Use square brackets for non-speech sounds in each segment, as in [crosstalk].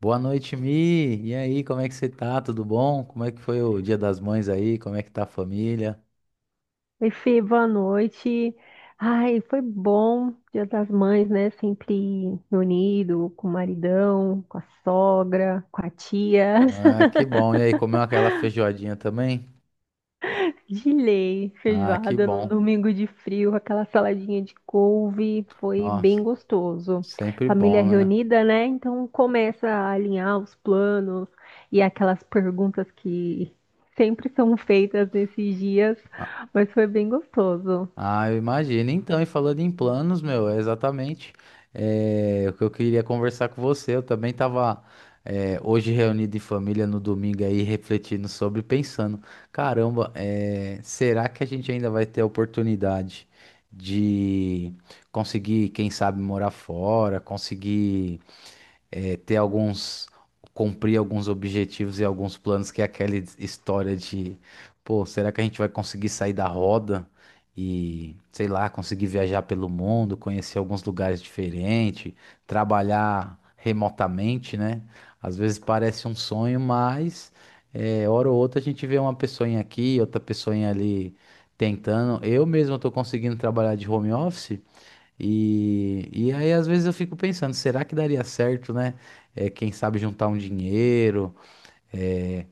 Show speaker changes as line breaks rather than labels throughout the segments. Boa noite, Mi. E aí, como é que você tá? Tudo bom? Como é que foi o Dia das Mães aí? Como é que tá a família?
Oi, Fê, boa noite. Ai, foi bom. Dia das Mães, né? Sempre reunido com o maridão, com a sogra, com a tia.
Ah, que bom. E aí, comeu aquela feijoadinha também?
[laughs] De lei,
Ah, que
feijoada num
bom.
domingo de frio, aquela saladinha de couve. Foi bem
Nossa,
gostoso.
sempre
Família
bom, né?
reunida, né? Então começa a alinhar os planos e aquelas perguntas que sempre são feitas nesses dias, mas foi bem gostoso.
Ah, eu imagino. Então, e falando em planos, meu, é exatamente, o que eu queria conversar com você. Eu também estava hoje reunido em família no domingo aí, refletindo sobre, pensando, caramba, será que a gente ainda vai ter a oportunidade de conseguir, quem sabe, morar fora, conseguir ter alguns, cumprir alguns objetivos e alguns planos, que é aquela história de, pô, será que a gente vai conseguir sair da roda e, sei lá, conseguir viajar pelo mundo, conhecer alguns lugares diferentes, trabalhar remotamente, né? Às vezes parece um sonho, mas hora ou outra a gente vê uma pessoinha aqui, outra pessoinha ali tentando. Eu mesmo estou conseguindo trabalhar de home office. E aí, às vezes, eu fico pensando, será que daria certo, né? É, quem sabe juntar um dinheiro. é,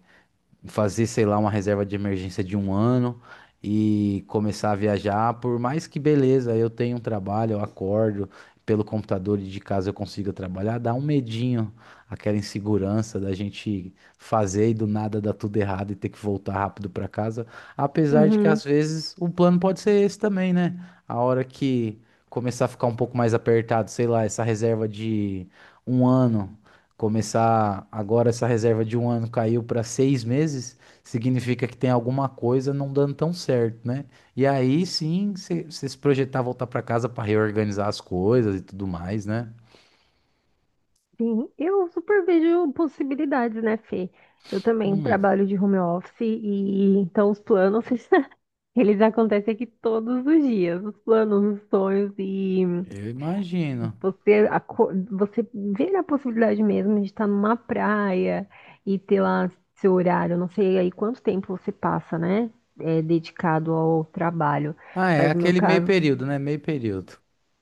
Fazer, sei lá, uma reserva de emergência de um ano e começar a viajar. Por mais que, beleza, eu tenho um trabalho, eu acordo pelo computador e de casa eu consiga trabalhar, dá um medinho, aquela insegurança da gente fazer e do nada dar tudo errado e ter que voltar rápido para casa, apesar de que
Uhum.
às vezes o plano pode ser esse também, né? A hora que começar a ficar um pouco mais apertado, sei lá, essa reserva de um ano. Começar agora, essa reserva de um ano caiu para seis meses, significa que tem alguma coisa não dando tão certo, né? E aí sim, você se projetar voltar para casa para reorganizar as coisas e tudo mais, né?
Sim, eu super vejo possibilidades, né, Fê? Eu também
Hum,
trabalho de home office e então os planos, [laughs] eles acontecem aqui todos os dias, os planos, os sonhos e
eu imagino.
você, você vê a possibilidade mesmo de estar numa praia e ter lá seu horário. Eu não sei aí quanto tempo você passa, né, é, dedicado ao trabalho,
Ah, é
mas no meu
aquele meio
caso.
período, né? Meio período.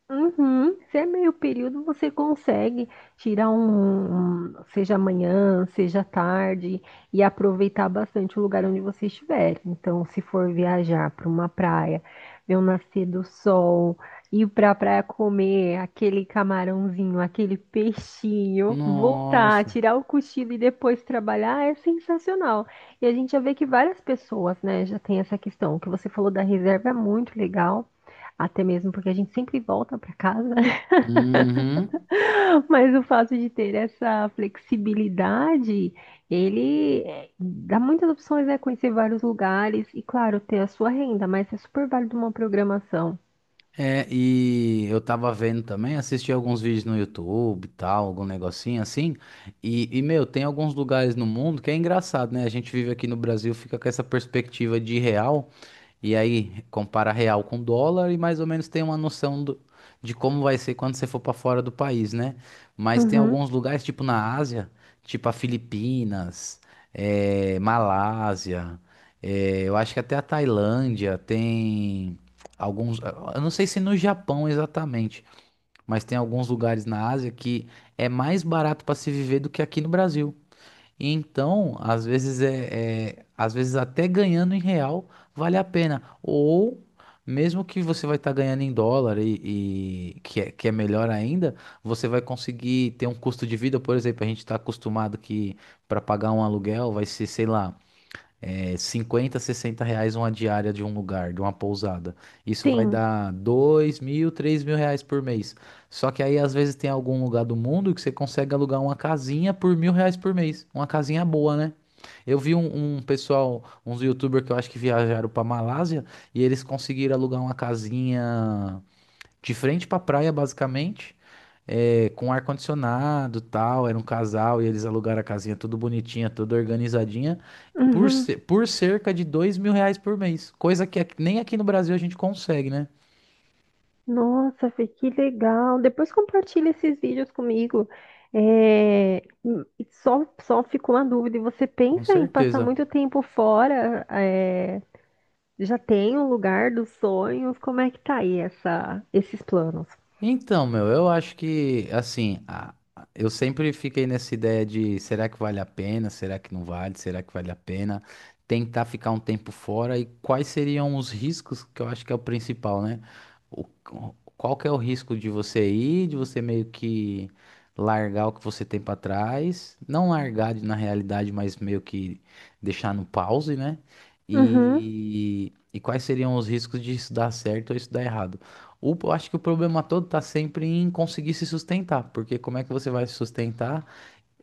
Uhum. Se é meio período, você consegue tirar um, seja amanhã, seja tarde, e aproveitar bastante o lugar onde você estiver. Então, se for viajar para uma praia, ver o nascer do sol, ir para a praia comer aquele camarãozinho, aquele peixinho, voltar,
Nossa.
tirar o cochilo e depois trabalhar, é sensacional. E a gente já vê que várias pessoas, né, já tem essa questão. O que você falou da reserva é muito legal. Até mesmo porque a gente sempre volta para casa,
Uhum.
[laughs] mas o fato de ter essa flexibilidade, ele é, dá muitas opções, né? Conhecer vários lugares e, claro, ter a sua renda, mas é super válido uma programação.
É, e eu tava vendo também, assisti alguns vídeos no YouTube e tal, algum negocinho assim. E meu, tem alguns lugares no mundo que é engraçado, né? A gente vive aqui no Brasil, fica com essa perspectiva de real. E aí, compara real com dólar e mais ou menos tem uma noção do- de como vai ser quando você for para fora do país, né? Mas tem
Uhum,
alguns lugares, tipo na Ásia, tipo a Filipinas, Malásia, eu acho que até a Tailândia tem alguns. Eu não sei se no Japão exatamente, mas tem alguns lugares na Ásia que é mais barato para se viver do que aqui no Brasil. E então, às vezes às vezes até ganhando em real vale a pena. Ou mesmo que você vai estar ganhando em dólar e que é melhor ainda, você vai conseguir ter um custo de vida. Por exemplo, a gente está acostumado que para pagar um aluguel vai ser, sei lá, 50, R$ 60 uma diária de um lugar, de uma pousada. Isso vai
sim.
dar 2.000, R$ 3.000 por mês. Só que aí às vezes tem algum lugar do mundo que você consegue alugar uma casinha por R$ 1.000 por mês. Uma casinha boa, né? Eu vi um pessoal, uns youtubers que eu acho que viajaram para Malásia e eles conseguiram alugar uma casinha de frente pra praia, basicamente, com ar-condicionado, tal. Era um casal e eles alugaram a casinha tudo bonitinha, tudo organizadinha,
Uhum.
por cerca de R$ 2.000 por mês, coisa que aqui- nem aqui no Brasil a gente consegue, né?
Nossa, Fê, que legal. Depois compartilha esses vídeos comigo. É, e só ficou uma dúvida. E você
Com
pensa em passar
certeza.
muito tempo fora? Já tem o lugar dos sonhos? Como é que tá aí essa, esses planos?
Então, meu, eu acho que, assim, eu sempre fiquei nessa ideia de será que vale a pena, será que não vale, será que vale a pena tentar ficar um tempo fora e quais seriam os riscos, que eu acho que é o principal, né? O- Qual que é o risco de você ir, de você meio que largar o que você tem pra trás, não largar de- na realidade, mas meio que deixar no pause, né?
Uhum,
E quais seriam os riscos de isso dar certo ou isso dar errado? Eu acho que o problema todo tá sempre em conseguir se sustentar, porque como é que você vai se sustentar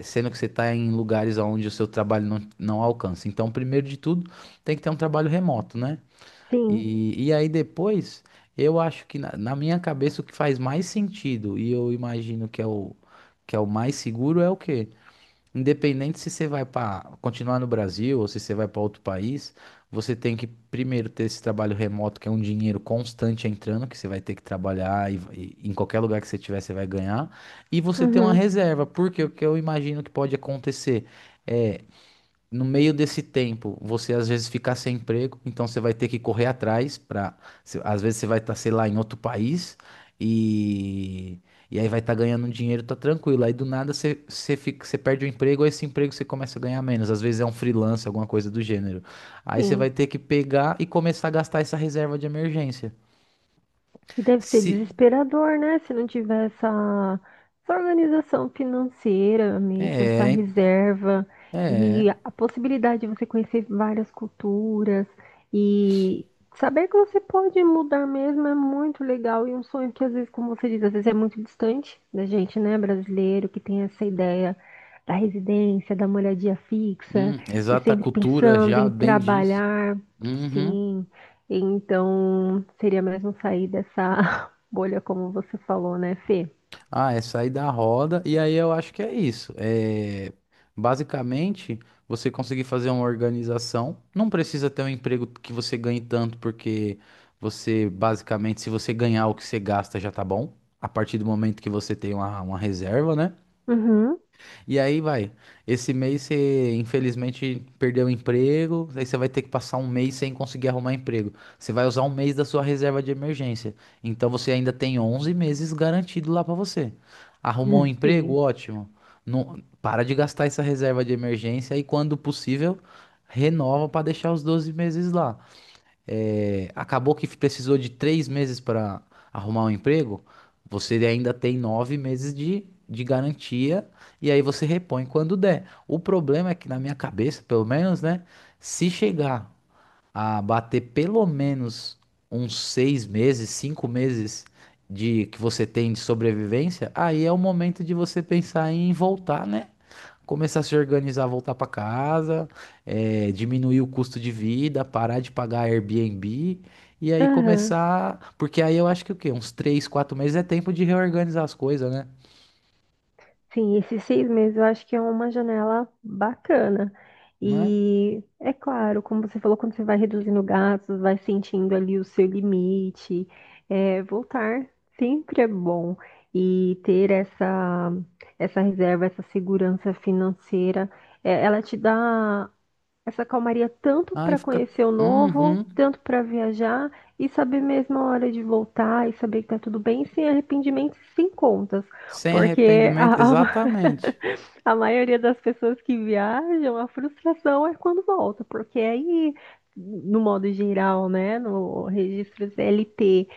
sendo que você está em lugares onde o seu trabalho não alcança? Então, primeiro de tudo, tem que ter um trabalho remoto, né?
sim,
E aí depois, eu acho que na minha cabeça o que faz mais sentido, e eu imagino que é que é o mais seguro, é o quê? Independente se você vai para continuar no Brasil ou se você vai para outro país, você tem que primeiro ter esse trabalho remoto, que é um dinheiro constante entrando, que você vai ter que trabalhar e em qualquer lugar que você tiver, você vai ganhar. E você ter uma
uhum,
reserva, porque o que eu imagino que pode acontecer é, no meio desse tempo, você às vezes fica sem emprego, então você vai ter que correr atrás. Para, às vezes você vai estar, sei lá, em outro país e e aí vai estar ganhando um dinheiro, tá tranquilo. Aí do nada você fica, você perde o emprego, aí esse emprego você começa a ganhar menos. Às vezes é um freelance, alguma coisa do gênero. Aí você
sim.
vai ter que pegar e começar a gastar essa reserva de emergência.
E deve ser
Se
desesperador, né? Se não tiver essa organização financeira mesmo, essa
é,
reserva
é,
e a possibilidade de você conhecer várias culturas e saber que você pode mudar mesmo é muito legal e um sonho que às vezes, como você diz, às vezes é muito distante da gente, né, brasileiro, que tem essa ideia da residência, da moradia fixa e
exata
sempre
cultura
pensando
já
em
bem diz.
trabalhar.
Uhum.
Sim. Então, seria mesmo sair dessa [laughs] bolha, como você falou, né, Fê?
Ah, é sair da roda, e aí eu acho que é isso. É, basicamente, você conseguir fazer uma organização. Não precisa ter um emprego que você ganhe tanto, porque você, basicamente, se você ganhar o que você gasta, já tá bom. A partir do momento que você tem uma reserva, né?
Uhum.
E aí vai. Esse mês você, infelizmente, perdeu o emprego, aí você vai ter que passar um mês sem conseguir arrumar emprego. Você vai usar um mês da sua reserva de emergência. Então você ainda tem 11 meses garantido lá pra você. Arrumou um
[laughs]
emprego?
Sim.
Ótimo. Não, para de gastar essa reserva de emergência e, quando possível, renova pra deixar os 12 meses lá. Acabou que precisou de 3 meses para arrumar um emprego, você ainda tem 9 meses de garantia e aí você repõe quando der. O problema é que, na minha cabeça, pelo menos, né? Se chegar a bater pelo menos uns 6 meses, 5 meses de que você tem de sobrevivência, aí é o momento de você pensar em voltar, né? Começar a se organizar, voltar para casa, diminuir o custo de vida, parar de pagar Airbnb e aí
Aham.
começar, porque aí eu acho que o quê? Uns 3, 4 meses é tempo de reorganizar as coisas, né?
Sim, esses 6 meses eu acho que é uma janela bacana.
Né?
E é claro, como você falou, quando você vai reduzindo gastos, vai sentindo ali o seu limite. É, voltar sempre é bom. E ter essa reserva, essa segurança financeira, é, ela te dá essa calmaria tanto
Aí
para
fica,
conhecer o novo,
uhum,
tanto para viajar e saber mesmo a hora de voltar e saber que tá tudo bem, sem arrependimentos e sem contas.
sem
Porque
arrependimento,
a, [laughs]
exatamente.
a maioria das pessoas que viajam, a frustração é quando volta, porque aí, no modo geral, né, no registro CLT,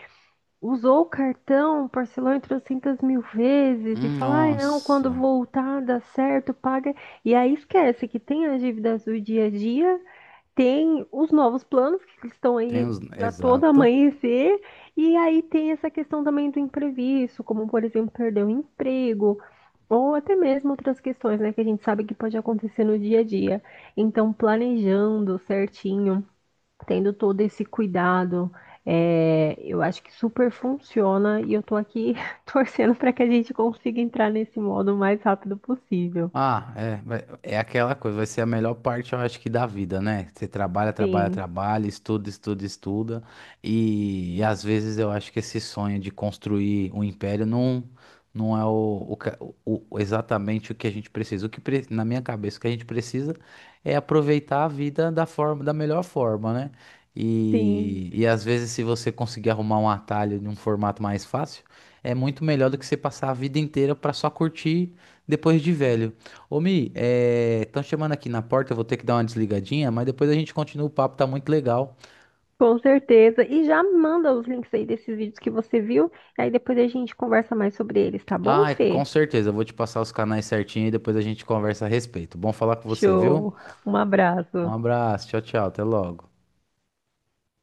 usou o cartão, parcelou em 300 mil vezes e fala, ai não, quando
Nossa,
voltar dá certo, paga. E aí esquece que tem as dívidas do dia a dia, tem os novos planos que estão
tem
aí
os,
a todo
exato.
amanhecer, e aí tem essa questão também do imprevisto, como por exemplo, perder o emprego, ou até mesmo outras questões, né, que a gente sabe que pode acontecer no dia a dia. Então, planejando certinho, tendo todo esse cuidado, é, eu acho que super funciona e eu tô aqui [laughs] torcendo para que a gente consiga entrar nesse modo o mais rápido possível.
Ah, é, vai- é aquela coisa, vai ser a melhor parte, eu acho, que da vida, né? Você trabalha, trabalha,
Sim,
trabalha, estuda, estuda, estuda, e às vezes eu acho que esse sonho de construir um império não, não é o- exatamente o que a gente precisa. O que pre- na minha cabeça o que a gente precisa é aproveitar a vida da forma, da melhor forma, né?
sim.
E às vezes, se você conseguir arrumar um atalho de um formato mais fácil, é muito melhor do que você passar a vida inteira para só curtir depois de velho. Ô, Mi, estão chamando aqui na porta, eu vou ter que dar uma desligadinha, mas depois a gente continua, o papo tá muito legal.
Com certeza. E já manda os links aí desses vídeos que você viu. Aí depois a gente conversa mais sobre eles, tá bom,
Ah, é,
Fê?
com certeza, eu vou te passar os canais certinho e depois a gente conversa a respeito. Bom falar com você, viu?
Show. Um
Um
abraço.
abraço, tchau, tchau, até logo.